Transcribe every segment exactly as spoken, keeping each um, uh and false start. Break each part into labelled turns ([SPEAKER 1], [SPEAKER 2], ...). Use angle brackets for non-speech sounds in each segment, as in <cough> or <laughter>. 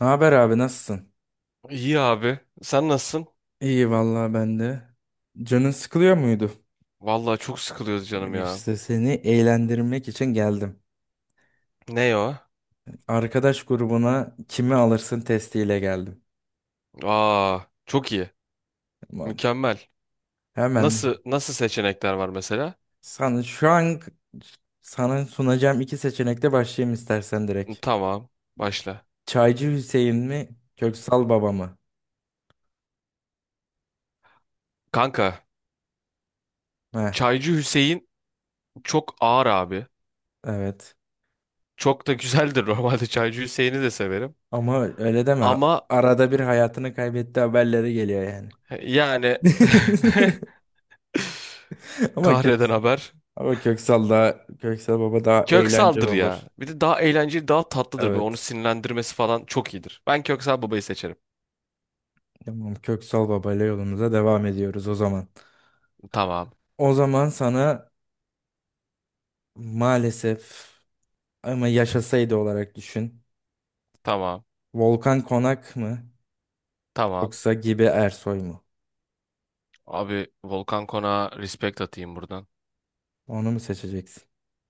[SPEAKER 1] Ne haber abi, nasılsın?
[SPEAKER 2] İyi abi. Sen nasılsın?
[SPEAKER 1] İyi vallahi, ben de. Canın sıkılıyor muydu?
[SPEAKER 2] Vallahi çok sıkılıyoruz canım ya.
[SPEAKER 1] İşte seni eğlendirmek için geldim.
[SPEAKER 2] Ne o?
[SPEAKER 1] Arkadaş grubuna kimi alırsın testiyle geldim.
[SPEAKER 2] Aa, çok iyi.
[SPEAKER 1] Tamam.
[SPEAKER 2] Mükemmel.
[SPEAKER 1] Hemen
[SPEAKER 2] Nasıl nasıl seçenekler var mesela?
[SPEAKER 1] sana şu an sana sunacağım iki seçenekle başlayayım istersen direkt.
[SPEAKER 2] Tamam, başla.
[SPEAKER 1] Çaycı Hüseyin mi, Köksal Baba mı?
[SPEAKER 2] Kanka,
[SPEAKER 1] Heh,
[SPEAKER 2] Çaycı Hüseyin çok ağır abi.
[SPEAKER 1] evet.
[SPEAKER 2] Çok da güzeldir <laughs> normalde Çaycı Hüseyin'i de severim.
[SPEAKER 1] Ama öyle deme.
[SPEAKER 2] Ama
[SPEAKER 1] Arada bir hayatını kaybetti haberleri geliyor yani.
[SPEAKER 2] yani <laughs>
[SPEAKER 1] <laughs> Ama
[SPEAKER 2] kahreden
[SPEAKER 1] Köksal,
[SPEAKER 2] haber.
[SPEAKER 1] ama Köksal da Köksal Baba daha eğlenceli
[SPEAKER 2] Köksal'dır
[SPEAKER 1] olur.
[SPEAKER 2] ya. Bir de daha eğlenceli, daha tatlıdır. Böyle onu
[SPEAKER 1] Evet.
[SPEAKER 2] sinirlendirmesi falan çok iyidir. Ben Köksal babayı seçerim.
[SPEAKER 1] Tamam, Köksal Baba ile yolumuza devam ediyoruz o zaman.
[SPEAKER 2] Tamam,
[SPEAKER 1] O zaman sana maalesef ama yaşasaydı olarak düşün.
[SPEAKER 2] tamam,
[SPEAKER 1] Volkan Konak mı,
[SPEAKER 2] tamam.
[SPEAKER 1] yoksa Gibi Ersoy mu?
[SPEAKER 2] Abi Volkan Konak'a respect atayım buradan.
[SPEAKER 1] Onu mu seçeceksin?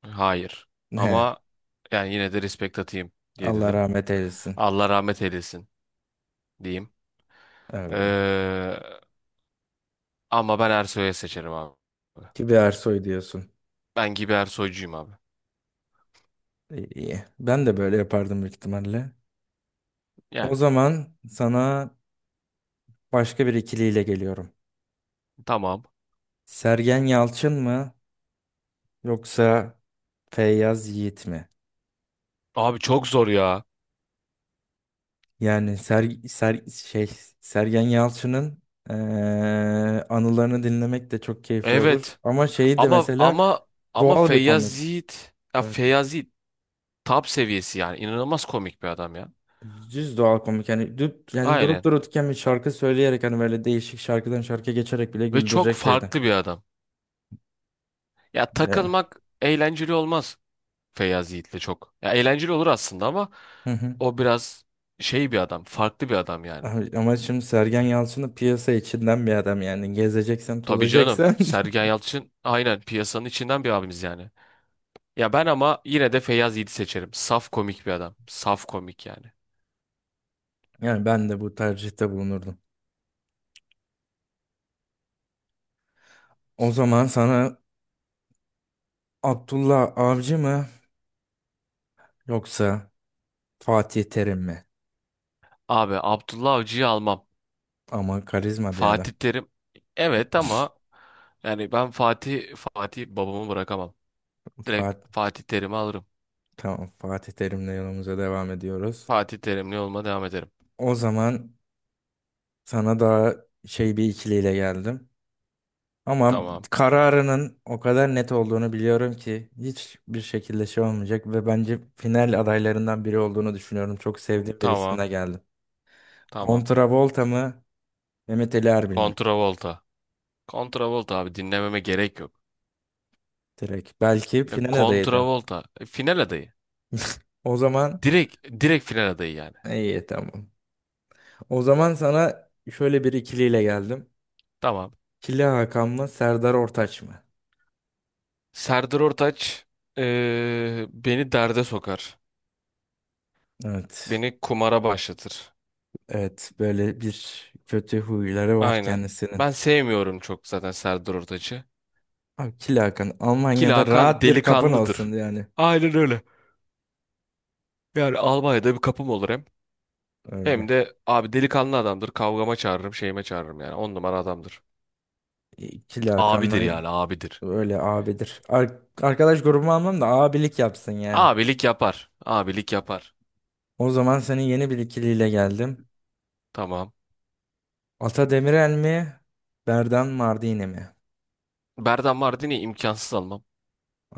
[SPEAKER 2] Hayır.
[SPEAKER 1] He,
[SPEAKER 2] Ama yani yine de respect atayım diye
[SPEAKER 1] Allah
[SPEAKER 2] dedim.
[SPEAKER 1] rahmet eylesin.
[SPEAKER 2] Allah rahmet eylesin diyeyim.
[SPEAKER 1] Öyle.
[SPEAKER 2] Ee, ama ben Ersoy'u seçerim abi.
[SPEAKER 1] Gibi Ersoy diyorsun.
[SPEAKER 2] Ben gibi Ersoy'cuyum abi.
[SPEAKER 1] İyi, iyi. Ben de böyle yapardım büyük ihtimalle. O
[SPEAKER 2] Yani
[SPEAKER 1] zaman sana başka bir ikiliyle geliyorum.
[SPEAKER 2] tamam.
[SPEAKER 1] Sergen Yalçın mı, yoksa Feyyaz Yiğit mi?
[SPEAKER 2] Abi çok zor ya.
[SPEAKER 1] Yani ser, ser, şey Sergen Yalçın'ın eee, anılarını dinlemek de çok keyifli olur.
[SPEAKER 2] Evet.
[SPEAKER 1] Ama şeyi de
[SPEAKER 2] Ama
[SPEAKER 1] mesela
[SPEAKER 2] ama ama
[SPEAKER 1] doğal bir
[SPEAKER 2] Feyyaz
[SPEAKER 1] komik.
[SPEAKER 2] Yiğit. Ya
[SPEAKER 1] Evet.
[SPEAKER 2] Feyyaz Yiğit top seviyesi yani. İnanılmaz komik bir adam ya.
[SPEAKER 1] Düz doğal komik. Yani, düp, yani durup
[SPEAKER 2] Aynen.
[SPEAKER 1] dururken bir şarkı söyleyerek hani böyle değişik şarkıdan şarkıya geçerek bile
[SPEAKER 2] Ve çok
[SPEAKER 1] güldürecek şeydi.
[SPEAKER 2] farklı bir adam. Ya
[SPEAKER 1] Ya.
[SPEAKER 2] takılmak eğlenceli olmaz. Feyyaz Yiğit'le çok. Ya eğlenceli olur aslında ama
[SPEAKER 1] Hı hı.
[SPEAKER 2] o biraz şey bir adam, farklı bir adam yani.
[SPEAKER 1] Abi, ama şimdi Sergen Yalçın'ı piyasa içinden bir adam yani, gezeceksen
[SPEAKER 2] Tabii canım.
[SPEAKER 1] tozacaksan,
[SPEAKER 2] Sergen Yalçın aynen piyasanın içinden bir abimiz yani. Ya ben ama yine de Feyyaz Yiğit'i seçerim. Saf komik bir adam. Saf komik yani.
[SPEAKER 1] <laughs> yani ben de bu tercihte bulunurdum. O zaman sana Abdullah Avcı mı, yoksa Fatih Terim mi?
[SPEAKER 2] Abi Abdullah Avcı'yı almam.
[SPEAKER 1] Ama karizma bir adam.
[SPEAKER 2] Fatih Terim evet ama yani ben Fatih Fatih babamı bırakamam. Direkt
[SPEAKER 1] Fatih,
[SPEAKER 2] Fatih Terim'i alırım.
[SPEAKER 1] tamam, Fatih Terim'le yolumuza devam ediyoruz.
[SPEAKER 2] Fatih Terimli olma devam ederim.
[SPEAKER 1] O zaman sana daha şey bir ikiliyle geldim. Ama
[SPEAKER 2] Tamam.
[SPEAKER 1] kararının o kadar net olduğunu biliyorum ki hiçbir şekilde şey olmayacak ve bence final adaylarından biri olduğunu düşünüyorum. Çok sevdiğim bir
[SPEAKER 2] Tamam.
[SPEAKER 1] isimle geldim.
[SPEAKER 2] Tamam.
[SPEAKER 1] Kontravolta mı? Mehmet Ali Erbil mi?
[SPEAKER 2] Kontravolta. Kontravolta abi dinlememe gerek yok.
[SPEAKER 1] Direkt. Belki
[SPEAKER 2] Ya
[SPEAKER 1] final adayıydı.
[SPEAKER 2] Contravolta e, final adayı.
[SPEAKER 1] O zaman
[SPEAKER 2] Direkt direkt final adayı yani.
[SPEAKER 1] iyi, tamam. O zaman sana şöyle bir ikiliyle geldim.
[SPEAKER 2] Tamam.
[SPEAKER 1] Kili Hakan mı, Serdar Ortaç mı?
[SPEAKER 2] Serdar Ortaç e, beni derde sokar.
[SPEAKER 1] Evet.
[SPEAKER 2] Beni kumara başlatır.
[SPEAKER 1] Evet, böyle bir kötü huyları var
[SPEAKER 2] Aynen.
[SPEAKER 1] kendisinin.
[SPEAKER 2] Ben sevmiyorum çok zaten Serdar Ortaç'ı.
[SPEAKER 1] Abi, Kili Hakan
[SPEAKER 2] Ki
[SPEAKER 1] Almanya'da
[SPEAKER 2] Hakan
[SPEAKER 1] rahat bir kapın olsun
[SPEAKER 2] delikanlıdır.
[SPEAKER 1] yani.
[SPEAKER 2] Aynen öyle. Yani Almanya'da bir kapım olur hem. Hem
[SPEAKER 1] Öyle.
[SPEAKER 2] de abi delikanlı adamdır. Kavgama çağırırım, şeyime çağırırım yani. On numara adamdır.
[SPEAKER 1] E, Kili
[SPEAKER 2] Abidir
[SPEAKER 1] Hakan'la
[SPEAKER 2] yani abidir.
[SPEAKER 1] öyle abidir. Ar- arkadaş grubumu almam da abilik yapsın yani.
[SPEAKER 2] Abilik yapar. Abilik yapar.
[SPEAKER 1] O zaman senin yeni bir ikiliyle geldim.
[SPEAKER 2] Tamam.
[SPEAKER 1] Ata Demirel mi? Berdan Mardini mi?
[SPEAKER 2] Berdan Mardini imkansız almam.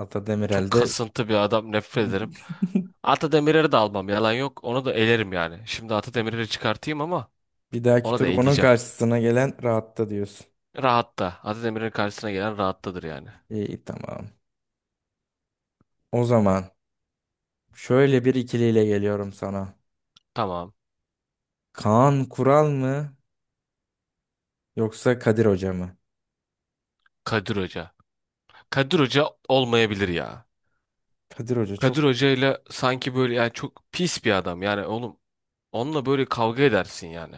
[SPEAKER 1] Ata Demirel
[SPEAKER 2] Çok
[SPEAKER 1] de
[SPEAKER 2] kasıntı bir adam nefret ederim.
[SPEAKER 1] <laughs> <laughs>
[SPEAKER 2] Ata Demirer'i de almam yalan yok. Onu da elerim yani. Şimdi Ata Demirer'i çıkartayım ama
[SPEAKER 1] bir dahaki
[SPEAKER 2] onu da
[SPEAKER 1] tur bunun
[SPEAKER 2] eleyeceğim.
[SPEAKER 1] karşısına gelen rahatta diyorsun.
[SPEAKER 2] Rahatta. Ata Demirer'in karşısına gelen rahattadır yani.
[SPEAKER 1] İyi, tamam. O zaman şöyle bir ikiliyle geliyorum sana.
[SPEAKER 2] Tamam.
[SPEAKER 1] Kaan Kural mı, yoksa Kadir Hoca mı?
[SPEAKER 2] Kadir Hoca. Kadir Hoca olmayabilir ya.
[SPEAKER 1] Kadir Hoca çok
[SPEAKER 2] Kadir Hoca ile sanki böyle yani çok pis bir adam. Yani oğlum onunla böyle kavga edersin yani.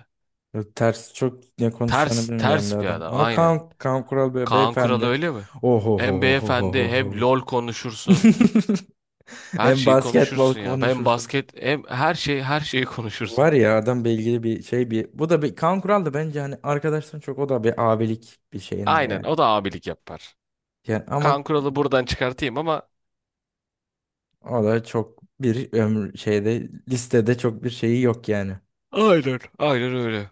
[SPEAKER 1] çok ters, çok ne konuşacağını
[SPEAKER 2] Ters
[SPEAKER 1] bilmeyen bir
[SPEAKER 2] ters bir
[SPEAKER 1] adam.
[SPEAKER 2] adam
[SPEAKER 1] Ama
[SPEAKER 2] aynen.
[SPEAKER 1] Kaan, Kaan Kural be,
[SPEAKER 2] Kaan Kural
[SPEAKER 1] beyefendi.
[SPEAKER 2] öyle mi? Hem beyefendi hem
[SPEAKER 1] Oho.
[SPEAKER 2] LOL konuşursun.
[SPEAKER 1] <laughs>
[SPEAKER 2] Her
[SPEAKER 1] Hem
[SPEAKER 2] şeyi
[SPEAKER 1] basketbol
[SPEAKER 2] konuşursun ya. Hem
[SPEAKER 1] konuşursun.
[SPEAKER 2] basket hem her şey her şeyi konuşursun.
[SPEAKER 1] Var ya adam bilgili bir şey bir. Bu da bir Kaan Kural da bence hani arkadaşların çok, o da bir abilik bir şeyinde
[SPEAKER 2] Aynen
[SPEAKER 1] yani.
[SPEAKER 2] o da abilik yapar.
[SPEAKER 1] Yani ama
[SPEAKER 2] Kaan Kural'ı buradan çıkartayım ama
[SPEAKER 1] o da çok bir ömür şeyde listede çok bir şeyi yok yani.
[SPEAKER 2] aynen. Aynen öyle.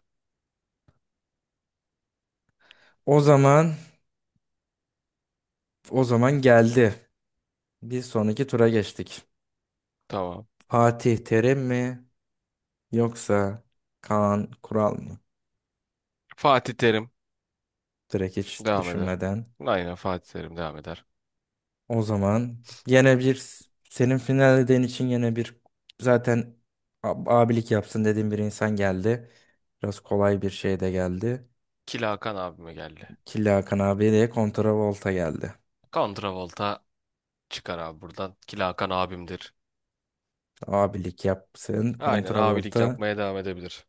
[SPEAKER 1] O zaman o zaman geldi. Bir sonraki tura geçtik.
[SPEAKER 2] Tamam.
[SPEAKER 1] Fatih Terim mi, yoksa Kaan Kural mı?
[SPEAKER 2] Fatih Terim
[SPEAKER 1] Direkt hiç
[SPEAKER 2] devam eder.
[SPEAKER 1] düşünmeden.
[SPEAKER 2] Aynen Fatih Terim devam eder.
[SPEAKER 1] O zaman yine bir senin final dediğin için yine bir, zaten ab- abilik yapsın dediğim bir insan geldi. Biraz kolay bir şey de geldi.
[SPEAKER 2] Kila Hakan abime geldi.
[SPEAKER 1] Killa Hakan abi de kontravolta geldi.
[SPEAKER 2] Kontravolta çıkar abi buradan. Kila Hakan abimdir.
[SPEAKER 1] Abilik yapsın
[SPEAKER 2] Aynen abilik
[SPEAKER 1] kontravolta.
[SPEAKER 2] yapmaya devam edebilir.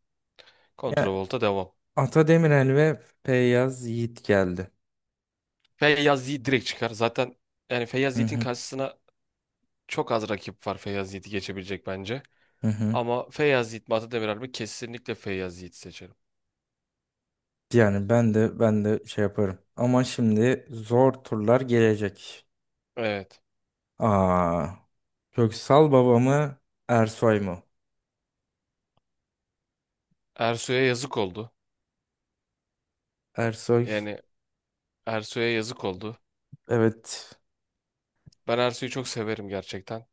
[SPEAKER 2] Kontravolta devam.
[SPEAKER 1] Ata Demirel ve Feyyaz Yiğit geldi.
[SPEAKER 2] Feyyaz Yiğit direkt çıkar. Zaten yani Feyyaz
[SPEAKER 1] Hı
[SPEAKER 2] Yiğit'in
[SPEAKER 1] hı
[SPEAKER 2] karşısına çok az rakip var Feyyaz Yiğit'i geçebilecek bence.
[SPEAKER 1] hı hı.
[SPEAKER 2] Ama Feyyaz Yiğit mi Atademir mi? Kesinlikle Feyyaz Yiğit seçerim.
[SPEAKER 1] Yani ben de ben de şey yaparım. Ama şimdi zor turlar gelecek.
[SPEAKER 2] Evet.
[SPEAKER 1] Aa, Köksal Baba mı, Ersoy mu?
[SPEAKER 2] Ersoy'a yazık oldu.
[SPEAKER 1] Ersoy,
[SPEAKER 2] Yani Ersoy'a yazık oldu.
[SPEAKER 1] evet.
[SPEAKER 2] Ben Ersoy'u çok severim gerçekten.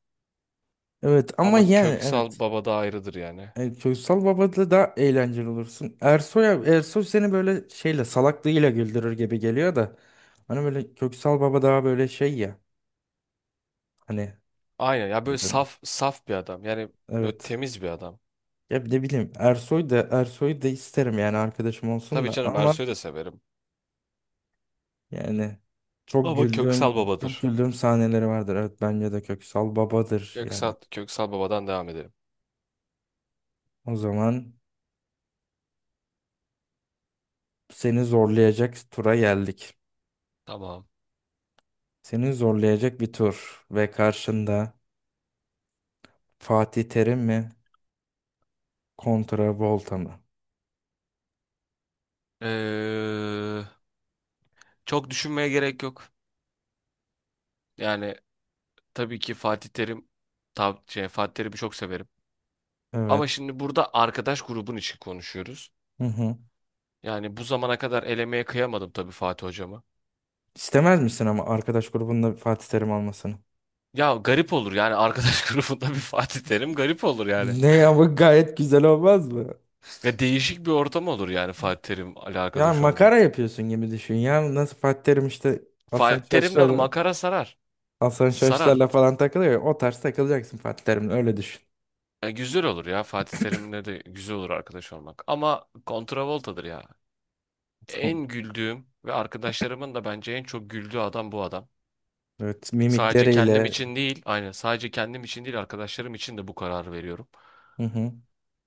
[SPEAKER 1] Evet ama
[SPEAKER 2] Ama
[SPEAKER 1] yani
[SPEAKER 2] Köksal
[SPEAKER 1] evet.
[SPEAKER 2] Baba da ayrıdır yani.
[SPEAKER 1] E, Köksal Baba'da da eğlenceli olursun. Ersoy Ersoy seni böyle şeyle salaklığıyla güldürür gibi geliyor da. Hani böyle Köksal Baba daha böyle şey ya. Hani
[SPEAKER 2] Aynen ya böyle
[SPEAKER 1] neden?
[SPEAKER 2] saf saf bir adam. Yani böyle
[SPEAKER 1] Evet.
[SPEAKER 2] temiz bir adam.
[SPEAKER 1] Ya ne bileyim, Ersoy da Ersoy da isterim yani arkadaşım olsun
[SPEAKER 2] Tabii
[SPEAKER 1] da,
[SPEAKER 2] canım
[SPEAKER 1] ama
[SPEAKER 2] Ersoy'u da severim.
[SPEAKER 1] yani çok
[SPEAKER 2] Ama Köksal
[SPEAKER 1] güldüğüm çok
[SPEAKER 2] Baba'dır.
[SPEAKER 1] güldüğüm sahneleri vardır. Evet, bence de Köksal babadır yani.
[SPEAKER 2] Köksal, Köksal Baba'dan devam edelim.
[SPEAKER 1] O zaman seni zorlayacak tura geldik.
[SPEAKER 2] Tamam.
[SPEAKER 1] Seni zorlayacak bir tur ve karşında Fatih Terim mi, kontra Volta mı?
[SPEAKER 2] Ee, çok düşünmeye gerek yok. Yani tabii ki Fatih Terim, tab şey, Fatih Terim'i çok severim. Ama
[SPEAKER 1] Evet.
[SPEAKER 2] şimdi burada arkadaş grubun için konuşuyoruz.
[SPEAKER 1] Hı hı.
[SPEAKER 2] Yani bu zamana kadar elemeye kıyamadım tabii Fatih hocama.
[SPEAKER 1] İstemez misin ama arkadaş grubunda Fatih Terim almasını?
[SPEAKER 2] Ya garip olur yani arkadaş <laughs> grubunda bir Fatih Terim garip olur yani.
[SPEAKER 1] Ne ama, gayet güzel olmaz mı?
[SPEAKER 2] Ya değişik bir ortam olur yani Fatih terim Terim'le
[SPEAKER 1] Ya
[SPEAKER 2] arkadaş olmak.
[SPEAKER 1] makara yapıyorsun gibi düşün. Ya nasıl Fatih Terim işte Hasan
[SPEAKER 2] Fatih Terim'le
[SPEAKER 1] Şaş'la,
[SPEAKER 2] makara sarar.
[SPEAKER 1] Hasan
[SPEAKER 2] Sarar.
[SPEAKER 1] Şaş'larla falan takılıyor ya, o tarz takılacaksın Fatih Terim'le, öyle düşün.
[SPEAKER 2] Ya güzel olur ya Fatih Terim'le de güzel olur arkadaş olmak. Ama kontravoltadır ya.
[SPEAKER 1] Tamam.
[SPEAKER 2] En güldüğüm ve arkadaşlarımın da bence en çok güldüğü adam bu adam.
[SPEAKER 1] Evet,
[SPEAKER 2] Sadece kendim
[SPEAKER 1] mimikleriyle.
[SPEAKER 2] için değil, aynen sadece kendim için değil arkadaşlarım için de bu kararı veriyorum.
[SPEAKER 1] Hı hı.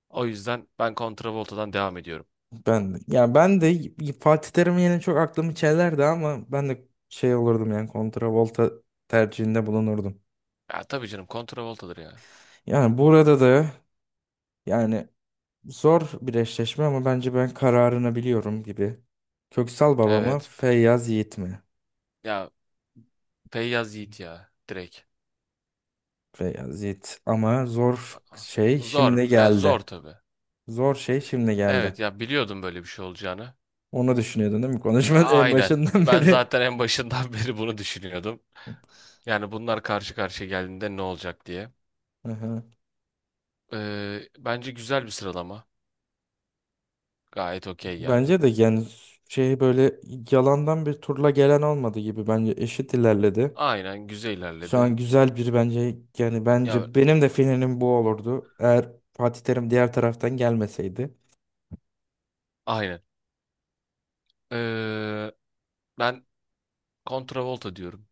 [SPEAKER 2] O yüzden ben Volta'dan devam ediyorum.
[SPEAKER 1] Ben de, ya ben de y- Fatih Terim yine çok aklımı çelerdi, ama ben de şey olurdum yani kontravolta tercihinde bulunurdum.
[SPEAKER 2] Ya tabii canım Volta'dır ya.
[SPEAKER 1] Yani burada da, yani zor bir eşleşme ama bence ben kararını biliyorum gibi. Köksal baba mı,
[SPEAKER 2] Evet.
[SPEAKER 1] Feyyaz Yiğit mi?
[SPEAKER 2] Ya Feyyaz Yiğit ya direkt.
[SPEAKER 1] Beyazıt ama zor
[SPEAKER 2] Aa,
[SPEAKER 1] şey
[SPEAKER 2] zor.
[SPEAKER 1] şimdi
[SPEAKER 2] Ya zor
[SPEAKER 1] geldi.
[SPEAKER 2] tabii.
[SPEAKER 1] Zor şey şimdi geldi.
[SPEAKER 2] Evet ya biliyordum böyle bir şey olacağını.
[SPEAKER 1] Onu düşünüyordun değil mi? Konuşmanın en
[SPEAKER 2] Aynen.
[SPEAKER 1] başından <laughs>
[SPEAKER 2] Ben
[SPEAKER 1] beri.
[SPEAKER 2] zaten en başından <laughs> beri bunu düşünüyordum. Yani bunlar karşı karşıya geldiğinde ne olacak diye.
[SPEAKER 1] Aha.
[SPEAKER 2] Ee, bence güzel bir sıralama. Gayet okey yani.
[SPEAKER 1] Bence de yani şey böyle yalandan bir turla gelen olmadı gibi, bence eşit ilerledi.
[SPEAKER 2] Aynen güzel
[SPEAKER 1] Şu
[SPEAKER 2] ilerledi.
[SPEAKER 1] an güzel bir, bence yani
[SPEAKER 2] Ya
[SPEAKER 1] bence benim de finalim bu olurdu. Eğer Fatih Terim diğer taraftan gelmeseydi
[SPEAKER 2] aynen. Ee, ben Volta diyorum.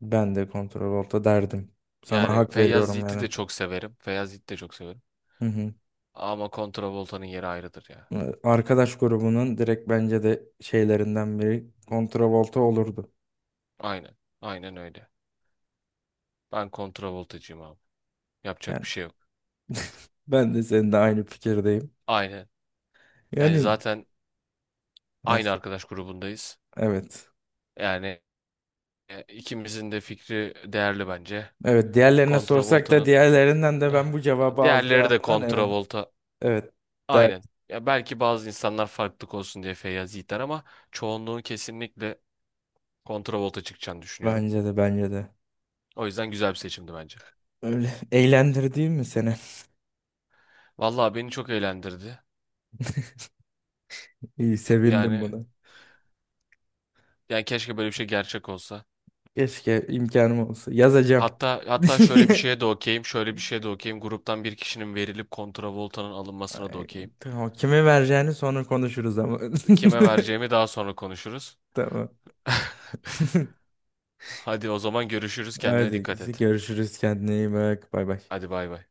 [SPEAKER 1] ben de kontrol olta derdim. Sana
[SPEAKER 2] Yani
[SPEAKER 1] hak
[SPEAKER 2] Feyyaz
[SPEAKER 1] veriyorum
[SPEAKER 2] Yiğit'i
[SPEAKER 1] yani.
[SPEAKER 2] de çok severim. Feyyaz Yiğit'i de çok severim.
[SPEAKER 1] Hı hı.
[SPEAKER 2] Ama Volta'nın yeri ayrıdır ya.
[SPEAKER 1] Ee, arkadaş grubunun direkt bence de şeylerinden biri Volta olurdu.
[SPEAKER 2] Aynen. Aynen öyle. Ben Voltacıyım abi. Yapacak
[SPEAKER 1] Yani
[SPEAKER 2] bir şey yok.
[SPEAKER 1] ben de seninle aynı fikirdeyim.
[SPEAKER 2] Aynen. Yani
[SPEAKER 1] Yani
[SPEAKER 2] zaten aynı
[SPEAKER 1] neyse,
[SPEAKER 2] arkadaş grubundayız.
[SPEAKER 1] evet.
[SPEAKER 2] Yani e, ikimizin de fikri değerli bence.
[SPEAKER 1] Evet, diğerlerine sorsak da
[SPEAKER 2] Volta'nın
[SPEAKER 1] diğerlerinden de ben bu
[SPEAKER 2] <sighs>
[SPEAKER 1] cevabı
[SPEAKER 2] diğerleri de
[SPEAKER 1] alacağımdan, evet.
[SPEAKER 2] Volta.
[SPEAKER 1] Evet der.
[SPEAKER 2] Aynen. Ya belki bazı insanlar farklılık olsun diye Feyyaz Yiğit'ler ama çoğunluğun kesinlikle Volta çıkacağını düşünüyorum.
[SPEAKER 1] Bence de bence de.
[SPEAKER 2] O yüzden güzel bir seçimdi bence.
[SPEAKER 1] Öyle. <laughs> eğlendir Eğlendirdi mi seni?
[SPEAKER 2] Vallahi beni çok eğlendirdi.
[SPEAKER 1] <laughs> İyi, sevindim
[SPEAKER 2] Yani
[SPEAKER 1] buna.
[SPEAKER 2] yani keşke böyle bir şey gerçek olsa.
[SPEAKER 1] Keşke imkanım olsa. Yazacağım.
[SPEAKER 2] Hatta hatta şöyle bir
[SPEAKER 1] <laughs>
[SPEAKER 2] şeye de okeyim, şöyle bir şeye de okeyim. Gruptan bir kişinin verilip kontravoltanın alınmasına da
[SPEAKER 1] Ay,
[SPEAKER 2] okeyim.
[SPEAKER 1] tamam. Kime vereceğini sonra konuşuruz ama.
[SPEAKER 2] Kime vereceğimi daha sonra konuşuruz.
[SPEAKER 1] <laughs> Tamam.
[SPEAKER 2] <laughs>
[SPEAKER 1] <laughs>
[SPEAKER 2] Hadi o zaman görüşürüz. Kendine
[SPEAKER 1] Hadi
[SPEAKER 2] dikkat et.
[SPEAKER 1] görüşürüz, kendine iyi bak, bay bay.
[SPEAKER 2] Hadi bay bay.